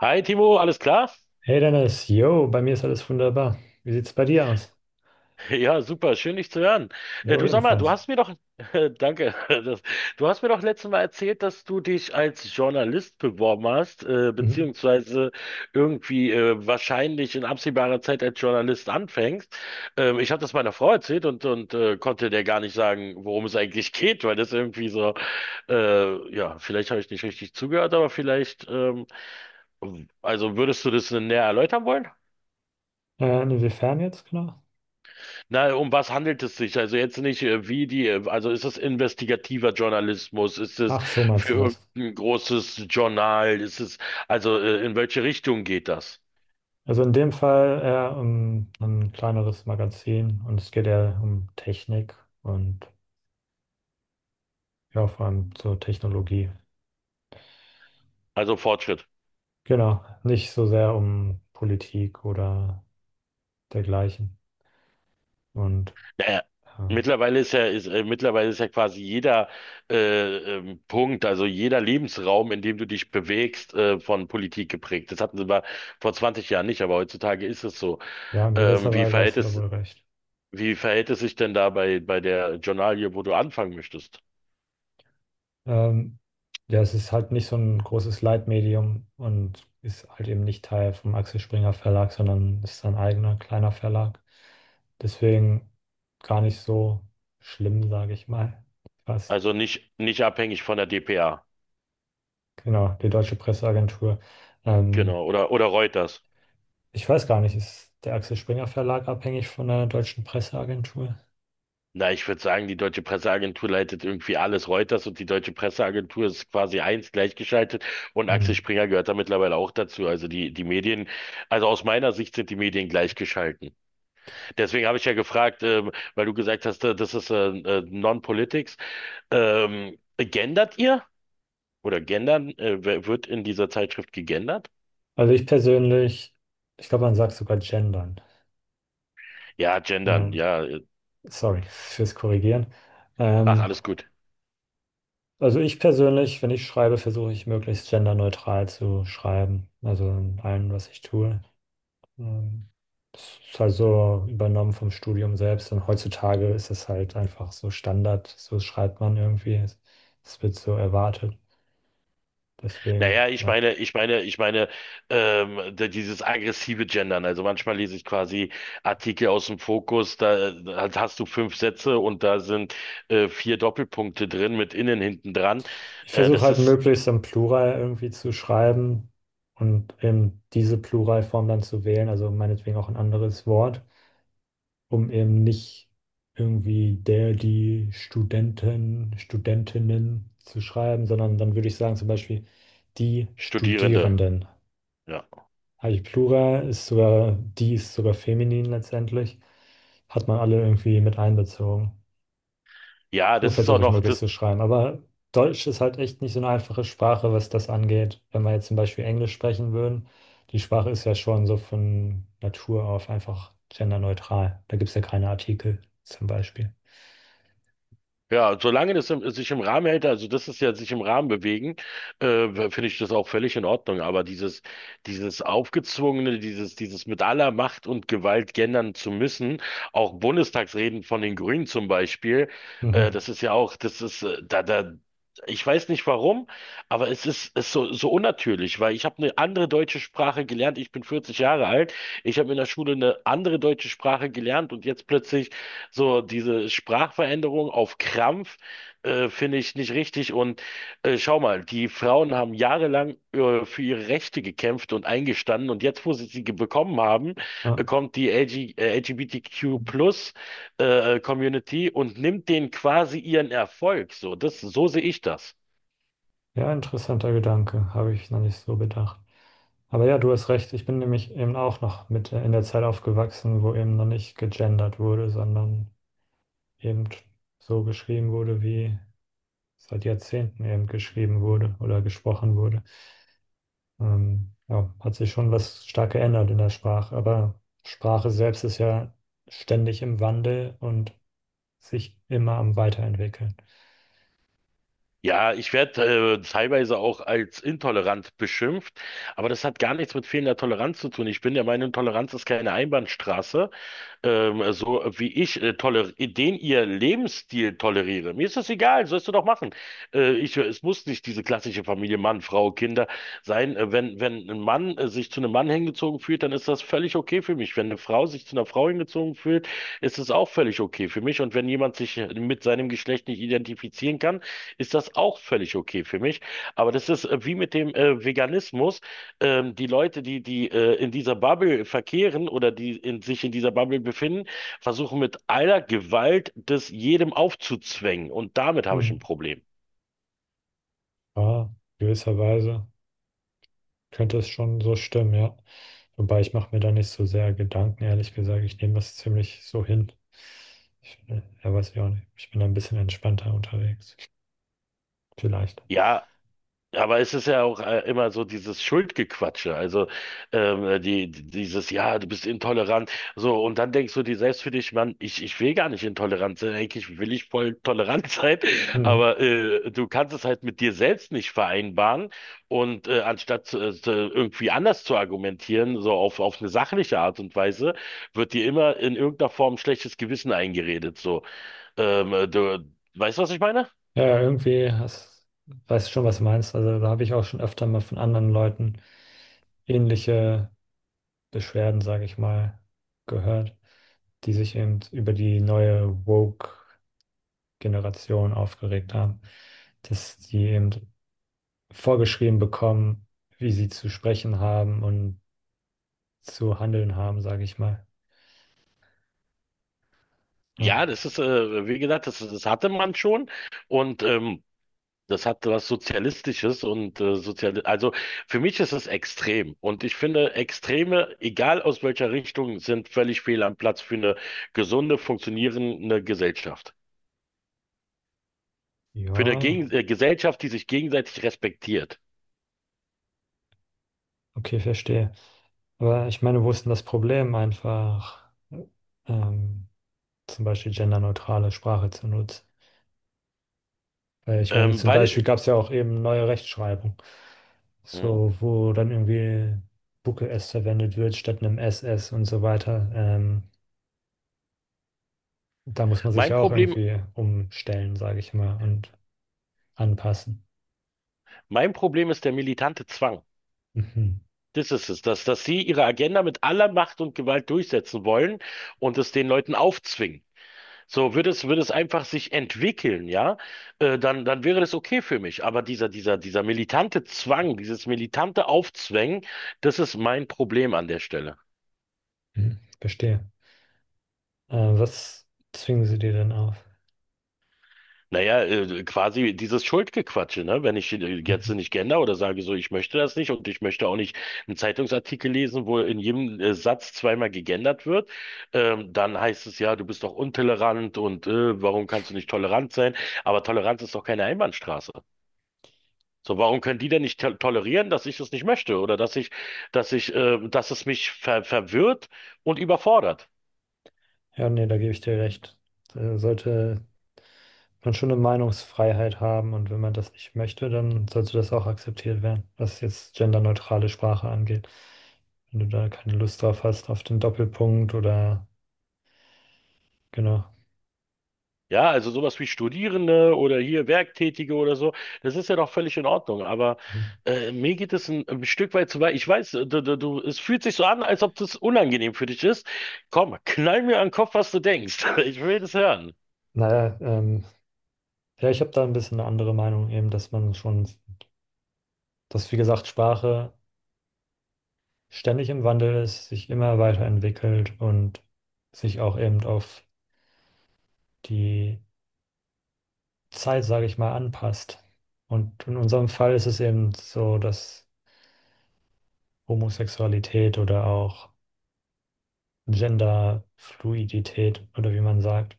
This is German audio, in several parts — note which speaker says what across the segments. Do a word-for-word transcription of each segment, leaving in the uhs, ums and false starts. Speaker 1: Hi Timo, alles klar?
Speaker 2: Hey Dennis, yo, bei mir ist alles wunderbar. Wie sieht's bei dir aus?
Speaker 1: Ja, super, schön dich zu hören. Äh,
Speaker 2: Jo,
Speaker 1: du sag mal, du
Speaker 2: ebenfalls.
Speaker 1: hast mir doch, danke, das, du hast mir doch letztes Mal erzählt, dass du dich als Journalist beworben hast, äh,
Speaker 2: Mhm.
Speaker 1: beziehungsweise irgendwie äh, wahrscheinlich in absehbarer Zeit als Journalist anfängst. Ähm, ich habe das meiner Frau erzählt und, und äh, konnte der gar nicht sagen, worum es eigentlich geht, weil das irgendwie so, äh, ja, vielleicht habe ich nicht richtig zugehört, aber vielleicht, ähm, also würdest du das näher erläutern wollen?
Speaker 2: Äh, inwiefern jetzt genau?
Speaker 1: Na, um was handelt es sich? Also jetzt nicht, äh, wie die, äh, also ist es investigativer Journalismus? Ist es
Speaker 2: Ach, so meinst du
Speaker 1: für
Speaker 2: das.
Speaker 1: irgendein großes Journal? Ist es, also äh, in welche Richtung geht das?
Speaker 2: Also in dem Fall eher um ein kleineres Magazin und es geht eher um Technik und ja, vor allem so Technologie.
Speaker 1: Also Fortschritt.
Speaker 2: Genau, nicht so sehr um Politik oder dergleichen. Und
Speaker 1: Naja,
Speaker 2: ja,
Speaker 1: mittlerweile ist ja, ist, äh, mittlerweile ist ja quasi jeder äh, ähm, Punkt, also jeder Lebensraum, in dem du dich bewegst, äh, von Politik geprägt. Das hatten sie mal vor zwanzig Jahren nicht, aber heutzutage ist es so.
Speaker 2: ja, in
Speaker 1: Ähm,
Speaker 2: gewisser
Speaker 1: wie
Speaker 2: Weise
Speaker 1: verhält
Speaker 2: hast du da
Speaker 1: es,
Speaker 2: wohl recht.
Speaker 1: wie verhält es sich denn da bei, bei der Journalie, wo du anfangen möchtest?
Speaker 2: Ähm, ja, es ist halt nicht so ein großes Leitmedium und ist halt eben nicht Teil vom Axel Springer Verlag, sondern ist sein eigener kleiner Verlag. Deswegen gar nicht so schlimm, sage ich mal. Fast.
Speaker 1: Also nicht, nicht abhängig von der dpa.
Speaker 2: Genau, die Deutsche Presseagentur. Ähm,
Speaker 1: Genau. Oder, oder Reuters.
Speaker 2: Ich weiß gar nicht, ist der Axel Springer Verlag abhängig von der Deutschen Presseagentur?
Speaker 1: Na, ich würde sagen, die deutsche Presseagentur leitet irgendwie alles. Reuters und die deutsche Presseagentur ist quasi eins gleichgeschaltet und
Speaker 2: Hm.
Speaker 1: Axel Springer gehört da mittlerweile auch dazu. Also die, die Medien, also aus meiner Sicht sind die Medien gleichgeschalten. Deswegen habe ich ja gefragt, ähm, weil du gesagt hast, äh, das ist äh, äh, Non-Politics. Ähm, gendert ihr? Oder gendern? Äh, wer- wird in dieser Zeitschrift gegendert?
Speaker 2: Also ich persönlich, ich glaube, man sagt sogar gendern.
Speaker 1: Ja, gendern,
Speaker 2: Ähm,
Speaker 1: ja.
Speaker 2: Sorry fürs Korrigieren.
Speaker 1: Ach,
Speaker 2: Ähm,
Speaker 1: alles gut.
Speaker 2: Also ich persönlich, wenn ich schreibe, versuche ich möglichst genderneutral zu schreiben. Also in allem, was ich tue. Ähm, Das ist halt so übernommen vom Studium selbst. Und heutzutage ist es halt einfach so Standard. So schreibt man irgendwie. Es es wird so erwartet. Deswegen,
Speaker 1: Naja, ich
Speaker 2: ja.
Speaker 1: meine, ich meine, ich meine, ähm, d- dieses aggressive Gendern. Also manchmal lese ich quasi Artikel aus dem Fokus, da, da hast du fünf Sätze und da sind äh, vier Doppelpunkte drin mit innen hinten dran.
Speaker 2: Ich
Speaker 1: Äh,
Speaker 2: versuche
Speaker 1: das
Speaker 2: halt
Speaker 1: ist
Speaker 2: möglichst im Plural irgendwie zu schreiben und eben diese Pluralform dann zu wählen. Also meinetwegen auch ein anderes Wort, um eben nicht irgendwie der, die Studenten, Studentinnen zu schreiben, sondern dann würde ich sagen zum Beispiel die
Speaker 1: Studierende.
Speaker 2: Studierenden.
Speaker 1: Ja.
Speaker 2: Habe ich Plural, ist sogar, die ist sogar feminin letztendlich. Hat man alle irgendwie mit einbezogen.
Speaker 1: Ja,
Speaker 2: So
Speaker 1: das ist auch
Speaker 2: versuche ich
Speaker 1: noch,
Speaker 2: möglichst
Speaker 1: das
Speaker 2: zu schreiben. Aber Deutsch ist halt echt nicht so eine einfache Sprache, was das angeht. Wenn wir jetzt zum Beispiel Englisch sprechen würden, die Sprache ist ja schon so von Natur auf einfach genderneutral. Da gibt es ja keine Artikel zum Beispiel.
Speaker 1: Ja, solange das im, sich im Rahmen hält, also das ist ja sich im Rahmen bewegen, äh, finde ich das auch völlig in Ordnung. Aber dieses, dieses aufgezwungene, dieses, dieses mit aller Macht und Gewalt gendern zu müssen, auch Bundestagsreden von den Grünen zum Beispiel, äh,
Speaker 2: Mhm.
Speaker 1: das ist ja auch, das ist, äh, da, da, ich weiß nicht warum, aber es ist, ist so, so unnatürlich, weil ich habe eine andere deutsche Sprache gelernt. Ich bin vierzig Jahre alt. Ich habe in der Schule eine andere deutsche Sprache gelernt und jetzt plötzlich so diese Sprachveränderung auf Krampf äh, finde ich nicht richtig. Und äh, schau mal, die Frauen haben jahrelang äh, für ihre Rechte gekämpft und eingestanden. Und jetzt, wo sie sie ge- bekommen haben,
Speaker 2: Ja.
Speaker 1: äh, kommt die L G, äh, L G B T Q Plus äh, Community und nimmt denen quasi ihren Erfolg. So, das, so sehe ich das.
Speaker 2: Ja, interessanter Gedanke, habe ich noch nicht so bedacht. Aber ja, du hast recht, ich bin nämlich eben auch noch mit in der Zeit aufgewachsen, wo eben noch nicht gegendert wurde, sondern eben so geschrieben wurde, wie seit Jahrzehnten eben geschrieben wurde oder gesprochen wurde. Ähm, ja, hat sich schon was stark geändert in der Sprache, aber Sprache selbst ist ja ständig im Wandel und sich immer am Weiterentwickeln.
Speaker 1: Ja, ich werde äh, teilweise auch als intolerant beschimpft, aber das hat gar nichts mit fehlender Toleranz zu tun. Ich bin der Meinung, Toleranz ist keine Einbahnstraße, ähm, so wie ich äh, toler den ihr Lebensstil toleriere. Mir ist das egal, sollst du doch machen. Äh, ich, es muss nicht diese klassische Familie Mann, Frau, Kinder sein. Äh, wenn, wenn ein Mann äh, sich zu einem Mann hingezogen fühlt, dann ist das völlig okay für mich. Wenn eine Frau sich zu einer Frau hingezogen fühlt, ist es auch völlig okay für mich. Und wenn jemand sich äh, mit seinem Geschlecht nicht identifizieren kann, ist das auch völlig okay für mich. Aber das ist äh, wie mit dem äh, Veganismus. Ähm, die Leute, die, die äh, in dieser Bubble verkehren oder die in, sich in dieser Bubble befinden, versuchen mit aller Gewalt das jedem aufzuzwängen. Und damit habe ich
Speaker 2: Hm.
Speaker 1: ein Problem.
Speaker 2: Ja, gewisserweise. Könnte es schon so stimmen, ja. Wobei, ich mache mir da nicht so sehr Gedanken, ehrlich gesagt. Ich nehme das ziemlich so hin. Ich, äh, ja, weiß ich auch nicht. Ich bin da ein bisschen entspannter unterwegs. Vielleicht.
Speaker 1: Ja, aber es ist ja auch äh, immer so dieses Schuldgequatsche, also ähm, die, die- dieses, ja, du bist intolerant, so, und dann denkst du dir selbst für dich, Mann, ich, ich will gar nicht intolerant sein, eigentlich will ich voll tolerant sein,
Speaker 2: Hm.
Speaker 1: aber äh, du kannst es halt mit dir selbst nicht vereinbaren und äh, anstatt zu- äh, zu- irgendwie anders zu argumentieren, so auf, auf eine sachliche Art und Weise, wird dir immer in irgendeiner Form schlechtes Gewissen eingeredet, so, ähm, du, weißt du, was ich meine?
Speaker 2: Ja, ja, irgendwie hast, weißt du schon, was du meinst. Also da habe ich auch schon öfter mal von anderen Leuten ähnliche Beschwerden, sage ich mal, gehört, die sich eben über die neue Woke-Generation aufgeregt haben, dass die eben vorgeschrieben bekommen, wie sie zu sprechen haben und zu handeln haben, sage ich mal. Ja,
Speaker 1: Ja, das ist, äh, wie gesagt, das, das hatte man schon und ähm, das hat was Sozialistisches und äh, sozial, also für mich ist es extrem und ich finde Extreme, egal aus welcher Richtung, sind völlig fehl am Platz für eine gesunde, funktionierende Gesellschaft. Für eine
Speaker 2: ja,
Speaker 1: Gegen äh, Gesellschaft, die sich gegenseitig respektiert.
Speaker 2: okay, verstehe. Aber ich meine, wo ist denn das Problem, einfach ähm, zum Beispiel genderneutrale Sprache zu nutzen? Weil ich meine,
Speaker 1: Ähm,
Speaker 2: zum Beispiel
Speaker 1: weil
Speaker 2: gab es ja auch eben neue Rechtschreibung,
Speaker 1: Mhm.
Speaker 2: so wo dann irgendwie Bucke S verwendet wird statt einem S S und so weiter. Ähm, da muss man sich
Speaker 1: mein
Speaker 2: ja auch
Speaker 1: Problem,
Speaker 2: irgendwie umstellen, sage ich mal, und anpassen.
Speaker 1: Mein Problem ist der militante Zwang.
Speaker 2: Mhm.
Speaker 1: Das ist es, dass, dass sie ihre Agenda mit aller Macht und Gewalt durchsetzen wollen und es den Leuten aufzwingen. So, würde es, würde es einfach sich entwickeln, ja, äh, dann, dann wäre das okay für mich. Aber dieser, dieser, dieser militante Zwang, dieses militante Aufzwängen, das ist mein Problem an der Stelle.
Speaker 2: Hm, verstehe. Äh, was zwingen sie dir denn auf?
Speaker 1: Naja, äh, quasi dieses Schuldgequatsche, ne? Wenn ich äh, jetzt
Speaker 2: Mhm.
Speaker 1: nicht gender oder sage so, ich möchte das nicht und ich möchte auch nicht einen Zeitungsartikel lesen, wo in jedem äh, Satz zweimal gegendert wird, ähm, dann heißt es ja, du bist doch untolerant und äh, warum kannst du nicht tolerant sein? Aber Toleranz ist doch keine Einbahnstraße. So, warum können die denn nicht to tolerieren, dass ich es nicht möchte oder dass ich, dass ich, äh, dass es mich ver verwirrt und überfordert?
Speaker 2: Ja, nee, da gebe ich dir recht. Da sollte man schon eine Meinungsfreiheit haben, und wenn man das nicht möchte, dann sollte das auch akzeptiert werden, was jetzt genderneutrale Sprache angeht. Wenn du da keine Lust drauf hast, auf den Doppelpunkt oder, genau.
Speaker 1: Ja, also sowas wie Studierende oder hier Werktätige oder so, das ist ja doch völlig in Ordnung. Aber
Speaker 2: Mhm.
Speaker 1: äh, mir geht es ein, ein Stück weit zu weit. Ich weiß, äh, du, du, du, es fühlt sich so an, als ob das unangenehm für dich ist. Komm, knall mir an den Kopf, was du denkst. Ich will das hören.
Speaker 2: Naja, ähm, ja, ich habe da ein bisschen eine andere Meinung eben, dass man schon, dass, wie gesagt, Sprache ständig im Wandel ist, sich immer weiterentwickelt und sich auch eben auf die Zeit, sage ich mal, anpasst. Und in unserem Fall ist es eben so, dass Homosexualität oder auch Genderfluidität, oder wie man sagt,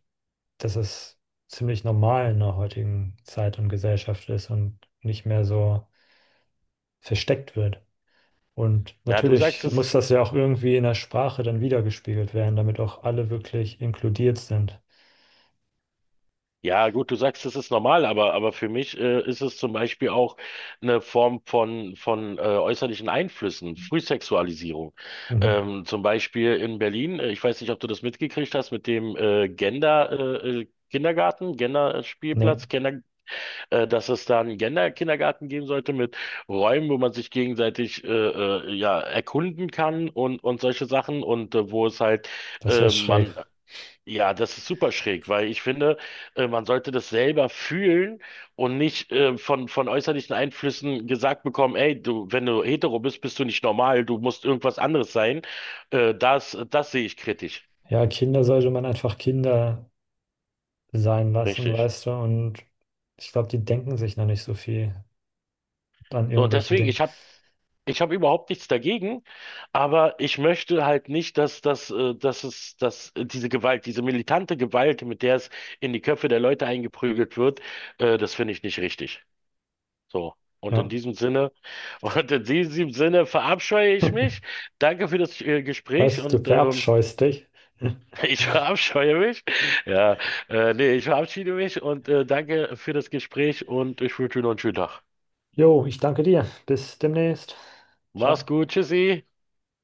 Speaker 2: dass es ziemlich normal in der heutigen Zeit und Gesellschaft ist und nicht mehr so versteckt wird. Und
Speaker 1: Na, du
Speaker 2: natürlich
Speaker 1: sagst, es
Speaker 2: muss
Speaker 1: ist
Speaker 2: das ja auch irgendwie in der Sprache dann wiedergespiegelt werden, damit auch alle wirklich inkludiert sind.
Speaker 1: Ja, gut, du sagst, das ist normal, aber, aber für mich äh, ist es zum Beispiel auch eine Form von, von äh, äußerlichen Einflüssen, Frühsexualisierung.
Speaker 2: Mhm.
Speaker 1: Ähm, zum Beispiel in Berlin, äh, ich weiß nicht, ob du das mitgekriegt hast mit dem äh, Gender, äh, äh, Kindergarten,
Speaker 2: Ne?
Speaker 1: Gender-Spielplatz, Gender, äh, dass es da einen Gender-Kindergarten geben sollte mit Räumen, wo man sich gegenseitig äh, äh, ja, erkunden kann und, und solche Sachen und äh, wo es halt,
Speaker 2: Das ist ja
Speaker 1: äh,
Speaker 2: schräg.
Speaker 1: man ja, das ist super schräg, weil ich finde, äh, man sollte das selber fühlen und nicht äh, von, von äußerlichen Einflüssen gesagt bekommen, ey, du, wenn du hetero bist, bist du nicht normal, du musst irgendwas anderes sein. Äh, das, das sehe ich kritisch.
Speaker 2: Ja, Kinder sollte man einfach Kinder sein lassen,
Speaker 1: Richtig.
Speaker 2: weißt du, und ich glaube, die denken sich noch nicht so viel an
Speaker 1: So, und
Speaker 2: irgendwelche
Speaker 1: deswegen,
Speaker 2: Dinge.
Speaker 1: ich habe ich hab überhaupt nichts dagegen, aber ich möchte halt nicht, dass, dass, äh, dass es, dass äh, diese Gewalt, diese militante Gewalt, mit der es in die Köpfe der Leute eingeprügelt wird, äh, das finde ich nicht richtig. So. Und in
Speaker 2: Ja,
Speaker 1: diesem Sinne, und in diesem Sinne verabscheue ich mich. Danke für das äh, Gespräch
Speaker 2: was? Du
Speaker 1: und ähm,
Speaker 2: verabscheust dich.
Speaker 1: ich verabscheue mich. Ja, äh, nee, ich verabschiede mich und äh, danke für das Gespräch und ich wünsche dir noch einen schönen Tag.
Speaker 2: Jo, ich danke dir. Bis demnächst.
Speaker 1: Mach's
Speaker 2: Ciao.
Speaker 1: gut, tschüssi.